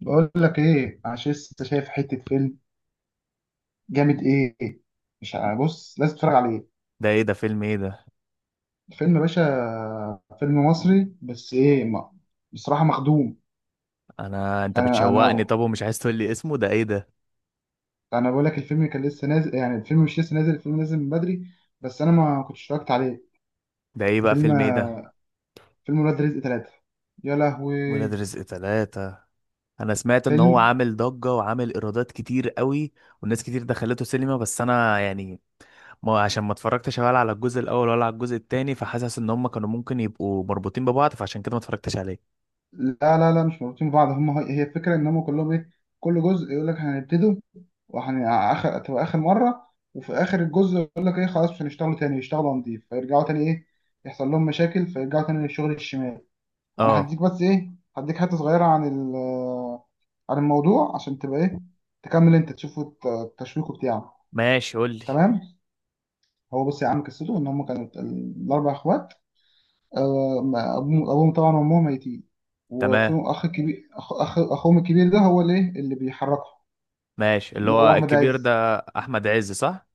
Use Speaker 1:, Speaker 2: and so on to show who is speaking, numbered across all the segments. Speaker 1: بقول لك ايه؟ عشان لسه شايف حته فيلم جامد ايه. مش ع- بص، لازم تتفرج عليه.
Speaker 2: ده ايه ده فيلم ايه ده؟
Speaker 1: فيلم باشا، فيلم مصري، بس ايه ما بصراحه مخدوم.
Speaker 2: انت
Speaker 1: انا
Speaker 2: بتشوقني،
Speaker 1: انا
Speaker 2: طب ومش عايز تقول لي اسمه؟ ده ايه ده؟
Speaker 1: انا بقول لك الفيلم كان لسه نازل، يعني الفيلم مش لسه نازل، الفيلم نازل من بدري، بس انا ما كنتش اتفرجت عليه.
Speaker 2: ده ايه بقى؟
Speaker 1: فيلم
Speaker 2: فيلم ايه ده؟
Speaker 1: فيلم ولاد رزق ثلاثة. يا
Speaker 2: ولاد
Speaker 1: لهوي.
Speaker 2: رزق ثلاثة. انا سمعت ان هو
Speaker 1: فيلم.
Speaker 2: عامل ضجة وعامل ايرادات كتير قوي والناس كتير دخلته سينما، بس انا يعني ما، عشان ما اتفرجتش ولا على الجزء الاول ولا على الجزء التاني، فحاسس ان هم كانوا ممكن يبقوا مربوطين ببعض، فعشان كده ما اتفرجتش عليه.
Speaker 1: لا لا لا، مش مربوطين ببعض. هي الفكره ان هم كلهم ايه، كل جزء يقول لك هنبتدوا وهن اخر، تبقى اخر مره، وفي اخر الجزء يقول لك ايه، خلاص مش هنشتغلوا تاني، يشتغلوا نضيف، فيرجعوا تاني، ايه، يحصل لهم مشاكل فيرجعوا تاني للشغل الشمال. انا
Speaker 2: اه،
Speaker 1: هديك بس ايه، هديك حته صغيره عن عن الموضوع عشان تبقى ايه، تكمل انت، تشوفوا التشويق بتاعه.
Speaker 2: ماشي، قول لي.
Speaker 1: تمام. هو بص يا عم، قصته ان هم كانوا الاربع اخوات. أبوهم طبعا وأمهم ميتين،
Speaker 2: تمام،
Speaker 1: وفيهم أخ كبير، أخوهم الكبير ده هو اللي إيه؟ اللي بيحركهم.
Speaker 2: ماشي. اللي
Speaker 1: اللي هو
Speaker 2: هو
Speaker 1: أحمد
Speaker 2: الكبير
Speaker 1: عز.
Speaker 2: ده احمد عز، صح؟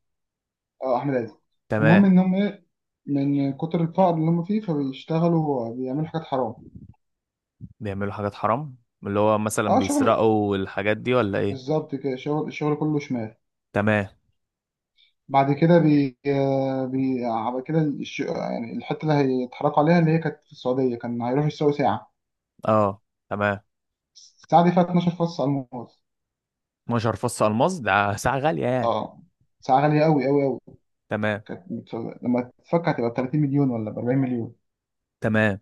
Speaker 1: أه، أحمد عز. المهم
Speaker 2: تمام.
Speaker 1: إن هم إيه، من كتر الفقر اللي هم فيه فبيشتغلوا بيعملوا حاجات حرام.
Speaker 2: بيعملوا حاجات حرام. اللي هو مثلا
Speaker 1: أه شغل،
Speaker 2: بيسرقوا الحاجات دي، ولا ايه؟
Speaker 1: بالظبط كده، شغل، الشغل كله شمال.
Speaker 2: تمام.
Speaker 1: بعد كده بي آه، بي بعد كده يعني الحتة اللي هيتحركوا عليها، اللي هي كانت في السعودية، كان هيروحوا يشتروا ساعة.
Speaker 2: اه، تمام.
Speaker 1: الساعة دي فيها 12 فص على الموز.
Speaker 2: 12 فص الماس، ده ساعة غالية يعني.
Speaker 1: أه، ساعة غالية أوي أوي أوي.
Speaker 2: تمام.
Speaker 1: لما تفكر هتبقى ب 30 مليون ولا ب 40 مليون.
Speaker 2: تمام.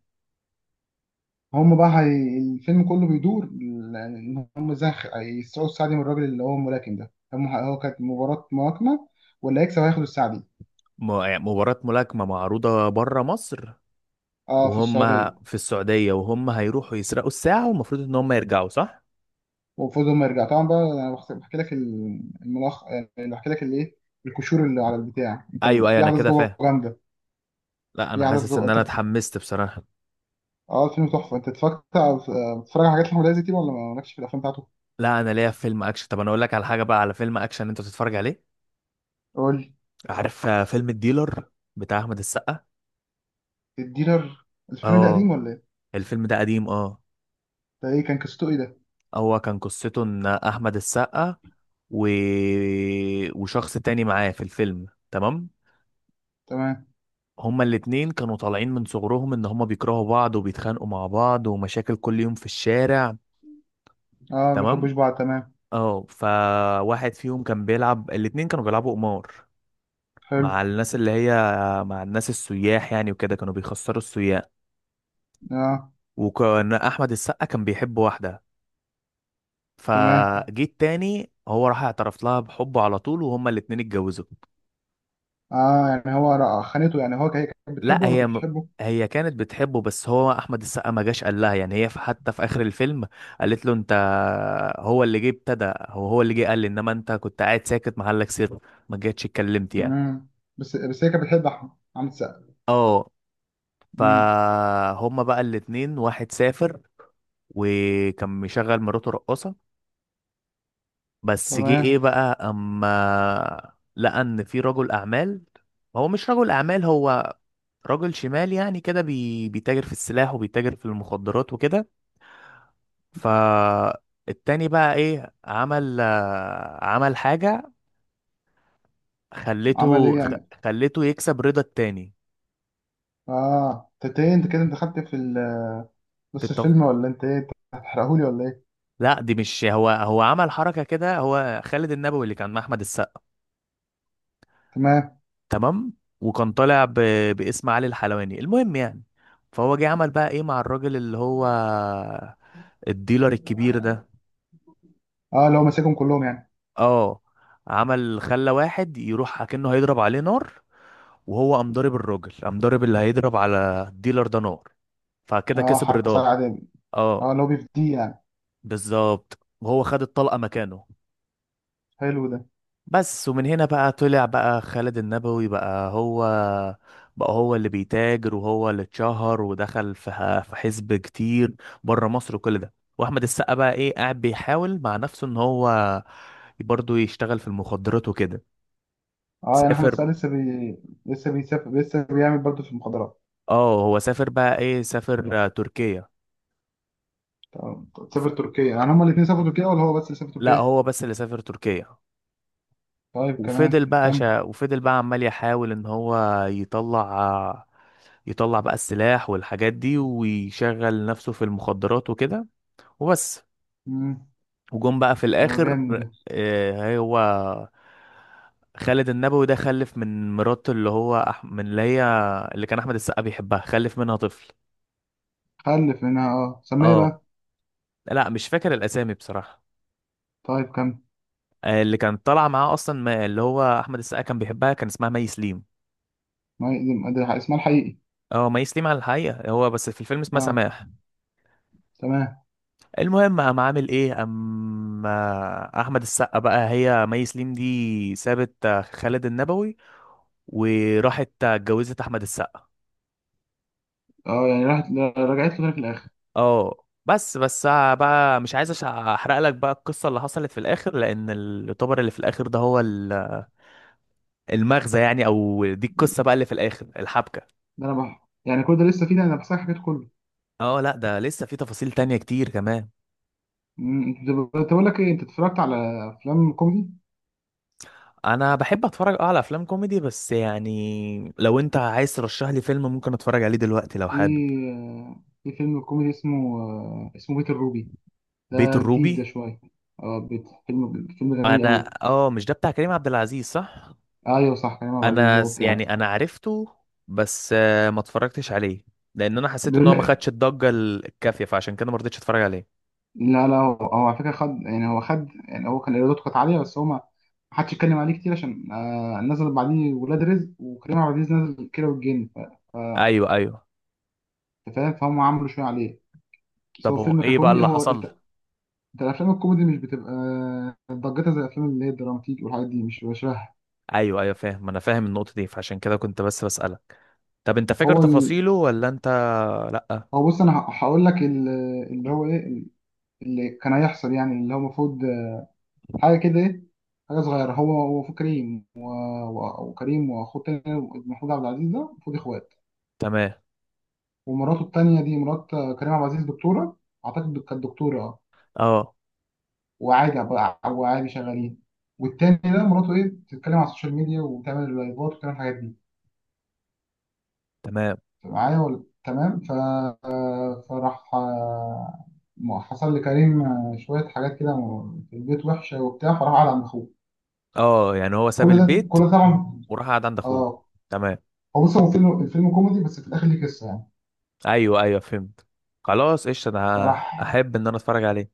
Speaker 1: هم بقى الفيلم كله بيدور يعني ان هم ازاي هيسرقوا السعدي من الراجل اللي هو الملاكم ده. هو كانت مباراة ملاكمة واللي هيكسب هياخد السعدي.
Speaker 2: يعني مباراة ملاكمة معروضة بره مصر
Speaker 1: اه، في
Speaker 2: وهم
Speaker 1: السعودية.
Speaker 2: في السعودية، وهم هيروحوا يسرقوا الساعة والمفروض ان هم يرجعوا، صح؟
Speaker 1: وفوز ما يرجع طبعا بقى. انا بحكي لك الملخ، يعني بحكي لك الايه، الكشور اللي على البتاع. انت
Speaker 2: ايوه، ايوه،
Speaker 1: في
Speaker 2: انا
Speaker 1: احداث
Speaker 2: كده
Speaker 1: جوه
Speaker 2: فاهم.
Speaker 1: جامده،
Speaker 2: لا، انا
Speaker 1: في احداث
Speaker 2: حاسس
Speaker 1: جوه
Speaker 2: ان
Speaker 1: انت
Speaker 2: انا اتحمست بصراحة.
Speaker 1: اه، الفيلم تحفه. انت بتتفرج على حاجات احمد عز كتير، ولا مالكش في الافلام بتاعته؟
Speaker 2: لا، انا ليا في فيلم اكشن. طب انا اقول لك على حاجة بقى، على فيلم اكشن انت تتفرج عليه.
Speaker 1: قول لي.
Speaker 2: عارف فيلم الديلر، بتاع احمد السقا؟
Speaker 1: الديلر. الفيلم ده قديم
Speaker 2: اه،
Speaker 1: ولا ايه؟
Speaker 2: الفيلم ده قديم، اه.
Speaker 1: ده ايه، كان قصته ايه ده؟
Speaker 2: هو كان قصته ان احمد السقا و... وشخص تاني معاه في الفيلم، تمام.
Speaker 1: تمام.
Speaker 2: هما الاتنين كانوا طالعين من صغرهم ان هما بيكرهوا بعض وبيتخانقوا مع بعض ومشاكل كل يوم في الشارع.
Speaker 1: اه، ما
Speaker 2: تمام.
Speaker 1: بيحبوش بعض. تمام.
Speaker 2: اه، فواحد فيهم كان بيلعب، الاتنين كانوا بيلعبوا قمار
Speaker 1: حلو.
Speaker 2: مع الناس اللي هي، مع الناس السياح يعني، وكده كانوا بيخسروا السياح.
Speaker 1: اه.
Speaker 2: وكان احمد السقا كان بيحب واحدة،
Speaker 1: تمام.
Speaker 2: فجيت تاني هو راح اعترف لها بحبه على طول وهما الاتنين اتجوزوا.
Speaker 1: اه، يعني خانته، يعني هي كانت
Speaker 2: لا
Speaker 1: بتحبه ولا ما
Speaker 2: هي
Speaker 1: كانتش
Speaker 2: م...
Speaker 1: بتحبه؟
Speaker 2: هي كانت بتحبه، بس هو احمد السقا ما جاش قال لها يعني. هي في حتى في اخر الفيلم قالت له: انت هو اللي جه ابتدى، هو اللي جه قال لي، انما انت كنت قاعد ساكت محلك سر، ما جيتش اتكلمت يعني.
Speaker 1: امم بس بس هي كانت بتحب احمد، عامل سقا.
Speaker 2: اه،
Speaker 1: امم
Speaker 2: فهما بقى الاتنين، واحد سافر وكان مشغل مراته رقاصة. بس جه ايه
Speaker 1: تمام.
Speaker 2: بقى اما لقى ان في رجل اعمال، هو مش رجل اعمال، هو رجل شمال يعني كده، بيتاجر في السلاح وبيتاجر في المخدرات وكده. فالتاني بقى ايه؟ عمل عمل حاجة، خلته
Speaker 1: عمل ايه
Speaker 2: خ-
Speaker 1: يعني؟
Speaker 2: خلته يكسب رضا التاني.
Speaker 1: اه، انت ايه، انت كده انت خدت في
Speaker 2: في
Speaker 1: نص
Speaker 2: التف...
Speaker 1: الفيلم ولا انت ايه، انت هتحرقهولي ولا ايه؟
Speaker 2: لا، دي مش هو، هو عمل حركة كده. هو خالد النبوي اللي كان مع احمد السقا،
Speaker 1: تمام.
Speaker 2: تمام. وكان طالع ب... باسم علي الحلواني، المهم يعني. فهو جه عمل بقى ايه مع الراجل اللي هو الديلر الكبير ده؟
Speaker 1: اه، اللي هو ماسكهم كلهم يعني.
Speaker 2: اه، عمل خلى واحد يروح اكنه هيضرب عليه نار، وهو قام ضارب الراجل، قام ضارب اللي هيضرب على الديلر ده نار، فكده
Speaker 1: اه،
Speaker 2: كسب
Speaker 1: حركه
Speaker 2: رضاه.
Speaker 1: صعبه. اه،
Speaker 2: اه،
Speaker 1: اللي هو بيفديه يعني.
Speaker 2: بالظبط، وهو خد الطلقة مكانه.
Speaker 1: حلو ده.
Speaker 2: بس، ومن هنا بقى طلع بقى خالد النبوي بقى هو، بقى هو اللي بيتاجر وهو اللي اتشهر ودخل في في حزب كتير بره مصر وكل ده، واحمد السقا بقى ايه؟ قاعد بيحاول مع نفسه ان هو برضه يشتغل في المخدرات وكده.
Speaker 1: اه، يعني احمد
Speaker 2: سافر.
Speaker 1: سقا لسه بيسافر، لسه بيعمل برضه في المخدرات.
Speaker 2: اه، هو سافر بقى، ايه سافر تركيا.
Speaker 1: تمام.
Speaker 2: وف...
Speaker 1: سافر تركيا، يعني هما الاثنين سافروا تركيا ولا هو بس اللي سافر
Speaker 2: لا،
Speaker 1: تركيا؟
Speaker 2: هو بس اللي سافر تركيا.
Speaker 1: طيب كمان. كمل.
Speaker 2: وفضل بقى عمال يحاول ان هو يطلع يطلع بقى السلاح والحاجات دي، ويشغل نفسه في المخدرات وكده وبس.
Speaker 1: مم.
Speaker 2: وجم بقى في
Speaker 1: ده
Speaker 2: الاخر.
Speaker 1: جامد ده.
Speaker 2: هو خالد النبوي ده خلف من مراته، من اللي هي اللي كان احمد السقا بيحبها، خلف منها طفل.
Speaker 1: خلف منها، اه، سميه
Speaker 2: اه،
Speaker 1: بقى.
Speaker 2: لا مش فاكر الاسامي بصراحة.
Speaker 1: طيب كمل.
Speaker 2: اللي كانت طالعه معاه اصلا، اللي هو احمد السقا كان بيحبها، كان اسمها مي سليم.
Speaker 1: ما هي- ده اسمها الحقيقي.
Speaker 2: اه، مي سليم على الحقيقه، هو بس في الفيلم اسمها
Speaker 1: اه،
Speaker 2: سماح.
Speaker 1: تمام.
Speaker 2: المهم قام عامل ايه، اما احمد السقا بقى، هي مي سليم دي سابت خالد النبوي وراحت اتجوزت احمد السقا.
Speaker 1: اه، يعني راحت، رجعت له تاني في الاخر.
Speaker 2: اه بس، بس بقى مش عايز احرق لك بقى القصه اللي حصلت في الاخر، لان الطبر اللي في الاخر ده هو المغزى يعني، او دي القصه بقى اللي في الاخر، الحبكه.
Speaker 1: يعني كل ده لسه فيه؟ ده انا بحسك حكيت كله.
Speaker 2: اه، لا ده لسه في تفاصيل تانية كتير كمان.
Speaker 1: انت بقول لك ايه، انت اتفرجت على افلام كوميدي؟
Speaker 2: انا بحب اتفرج، اه، على افلام كوميدي، بس يعني لو انت عايز ترشح لي فيلم ممكن اتفرج عليه دلوقتي لو
Speaker 1: في
Speaker 2: حابب.
Speaker 1: في فيلم كوميدي اسمه اسمه بيت الروبي.
Speaker 2: بيت
Speaker 1: ده جديد ده
Speaker 2: الروبي.
Speaker 1: شويه. اه، بيت فيلم فيلم جميل
Speaker 2: انا
Speaker 1: قوي.
Speaker 2: اه، مش ده بتاع كريم عبد العزيز، صح؟
Speaker 1: ايوه صح، كريم عبد العزيز هو بتاعته.
Speaker 2: يعني انا عرفته، بس ما اتفرجتش عليه لان انا حسيت ان هو ما
Speaker 1: بيقول،
Speaker 2: خدش الضجة الكافية، فعشان كده ما رضيتش اتفرج عليه.
Speaker 1: لا لا، هو هو على فكرة خد، يعني هو خد، يعني هو كان ايراداته كانت عالية، بس هو ما ما حدش يتكلم عليه كتير، عشان آه نزل بعديه ولاد رزق، وكريم عبد العزيز نزل كيرة والجن. ف-
Speaker 2: ايوه، ايوه.
Speaker 1: أنت فاهم، فهم عملوا شوية عليه، بس
Speaker 2: طب
Speaker 1: هو
Speaker 2: هو
Speaker 1: فيلم
Speaker 2: ايه بقى
Speaker 1: ككوميدي
Speaker 2: اللي
Speaker 1: هو.
Speaker 2: حصل؟
Speaker 1: انت أنت، الافلام الكوميدي مش بتبقى ضجتها زي الافلام اللي هي الدراماتيك والحاجات دي، مش بشبه.
Speaker 2: ايوه، ايوه فاهم، انا فاهم النقطة دي، فعشان كده كنت بس بسألك. طب انت فاكر
Speaker 1: هو ال...
Speaker 2: تفاصيله ولا انت؟ لا.
Speaker 1: هو بص، انا هقول لك اللي هو ايه، اللي كان هيحصل يعني، اللي هو المفروض حاجه كده ايه، حاجه صغيره. هو هو المفروض كريم، وكريم واخوه التاني محمود عبد العزيز ده، المفروض اخوات،
Speaker 2: تمام.
Speaker 1: ومراته التانية دي، مرات كريم عبد العزيز، دكتورة. أعتقد كانت دكتورة أه.
Speaker 2: اه،
Speaker 1: وعادي شغالين، والتاني ده مراته إيه، بتتكلم على السوشيال ميديا وبتعمل لايفات وبتعمل الحاجات دي.
Speaker 2: تمام.
Speaker 1: أنت معايا ولا؟ تمام. فراح حصل لكريم شوية حاجات كده في البيت وحشة وبتاع، فراح قعد عند أخوه.
Speaker 2: اه، يعني هو ساب
Speaker 1: كل ده
Speaker 2: البيت
Speaker 1: كل ده طبعا.
Speaker 2: وراح قعد عند اخوه.
Speaker 1: اه.
Speaker 2: تمام.
Speaker 1: هو بص، هو فيلم، الفيلم كوميدي بس في الآخر ليه قصة يعني.
Speaker 2: ايوه، ايوه، فهمت. خلاص، قشطه، انا
Speaker 1: فراح،
Speaker 2: احب ان انا اتفرج عليه.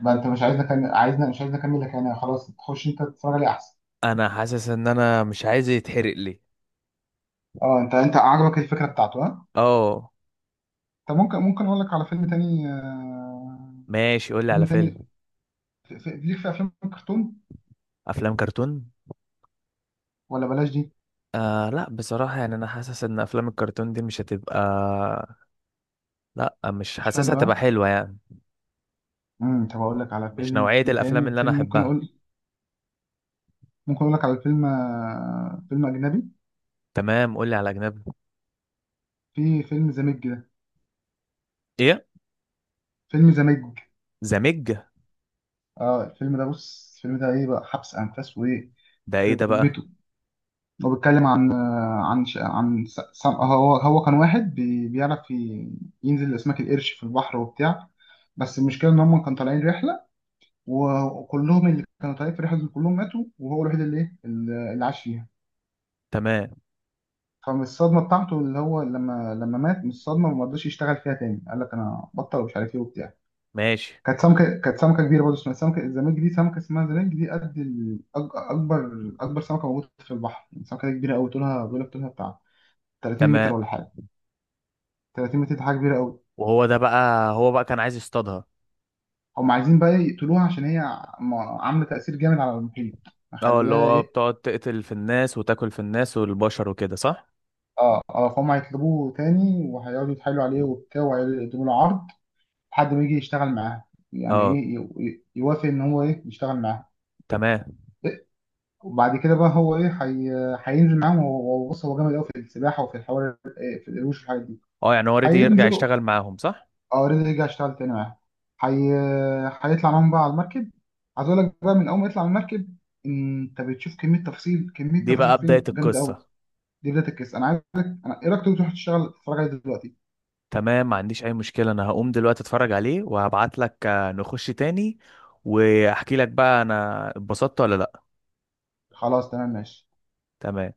Speaker 1: ما أنت مش عايزنا، مش عايزنا أكمل لك يعني، خلاص تخش أنت تتفرج عليه أحسن.
Speaker 2: انا حاسس ان انا مش عايز يتحرق لي.
Speaker 1: اه، انت انت عجبك الفكره بتاعته؟ ها.
Speaker 2: اه،
Speaker 1: طب ممكن، ممكن اقول لك على فيلم تاني
Speaker 2: ماشي قول لي على
Speaker 1: فيلم
Speaker 2: فيلم.
Speaker 1: تاني. ليك في افلام الكرتون،
Speaker 2: افلام كرتون؟
Speaker 1: ولا بلاش دي؟
Speaker 2: آه لا، بصراحه يعني انا حاسس ان افلام الكرتون دي مش هتبقى، لا مش
Speaker 1: مش
Speaker 2: حاسسها
Speaker 1: حلو
Speaker 2: هتبقى
Speaker 1: ها.
Speaker 2: حلوه يعني.
Speaker 1: طب اقول لك على
Speaker 2: مش
Speaker 1: فيلم
Speaker 2: نوعيه الافلام
Speaker 1: تاني،
Speaker 2: اللي انا
Speaker 1: فيلم ممكن
Speaker 2: احبها.
Speaker 1: اقول، ممكن اقول لك على فيلم فيلم اجنبي.
Speaker 2: تمام، قول لي على اجنبي.
Speaker 1: في فيلم زاميج ده.
Speaker 2: ايه؟
Speaker 1: فيلم زاميج.
Speaker 2: زمج؟
Speaker 1: اه، الفيلم ده بص، الفيلم ده ايه بقى، حبس انفاس وايه.
Speaker 2: ده ايه
Speaker 1: يخرب
Speaker 2: ده بقى؟
Speaker 1: بيته. هو بيتكلم عن هو كان واحد بيعرف ينزل لأسماك القرش في البحر وبتاع، بس المشكلة إن هم كانوا طالعين رحلة، وكلهم اللي كانوا طالعين في الرحلة دي كلهم ماتوا، وهو الوحيد اللي إيه، اللي عاش فيها.
Speaker 2: تمام،
Speaker 1: فمن الصدمة بتاعته اللي هو لما مات، من الصدمة ما رضاش يشتغل فيها تاني، قال لك أنا بطل ومش عارف إيه وبتاع.
Speaker 2: ماشي.
Speaker 1: كانت سمكة كبيرة برضه، اسمها سمكة الزمالك دي، سمكة اسمها زمالك دي، قد أكبر أكبر سمكة موجودة في البحر، يعني السمكة دي كبيرة أوي، طولها بيقول لك طولها بتاع 30 متر
Speaker 2: تمام.
Speaker 1: ولا حاجة. 30 متر دي حاجه كبيره قوي.
Speaker 2: وهو ده بقى، هو بقى كان عايز يصطادها؟
Speaker 1: هم عايزين بقى يقتلوها عشان هي عامله تاثير جامد على المحيط،
Speaker 2: اه، اللي
Speaker 1: مخليها
Speaker 2: هو
Speaker 1: ايه.
Speaker 2: بتقعد تقتل في الناس وتاكل في الناس والبشر وكده، صح؟
Speaker 1: اه، اه، فهم هيطلبوه تاني، وهيقعدوا يتحايلوا عليه وبتاع، وهيقعدوا يقدموا له عرض لحد ما يجي يشتغل معاها، يعني
Speaker 2: اه.
Speaker 1: ايه، يوافق ان هو ايه يشتغل معاها.
Speaker 2: تمام.
Speaker 1: وبعد كده بقى هو ايه، هينزل معاهم. بص، هو جامد قوي في السباحه وفي الحوار إيه، في القروش والحاجات دي.
Speaker 2: اه، يعني هو اوريدي يرجع
Speaker 1: هينزلوا.
Speaker 2: يشتغل معاهم، صح؟
Speaker 1: اه، اوريدي رجع اشتغل تاني معاهم. حي... هيطلع معاهم بقى على المركب. عايز اقول لك بقى، من اول ما يطلع على المركب انت بتشوف كميه تفاصيل، كميه
Speaker 2: دي
Speaker 1: تفاصيل
Speaker 2: بقى بداية
Speaker 1: فين جامده
Speaker 2: القصة.
Speaker 1: قوي. دي بدايه القصه. انا عايزك، انا ايه رايك تروح تشتغل تتفرج عليه دلوقتي.
Speaker 2: تمام، ما عنديش اي مشكلة، انا هقوم دلوقتي اتفرج عليه وهبعت لك، نخش تاني واحكي لك بقى انا اتبسطت ولا لا.
Speaker 1: خلاص تمام، ماشي.
Speaker 2: تمام.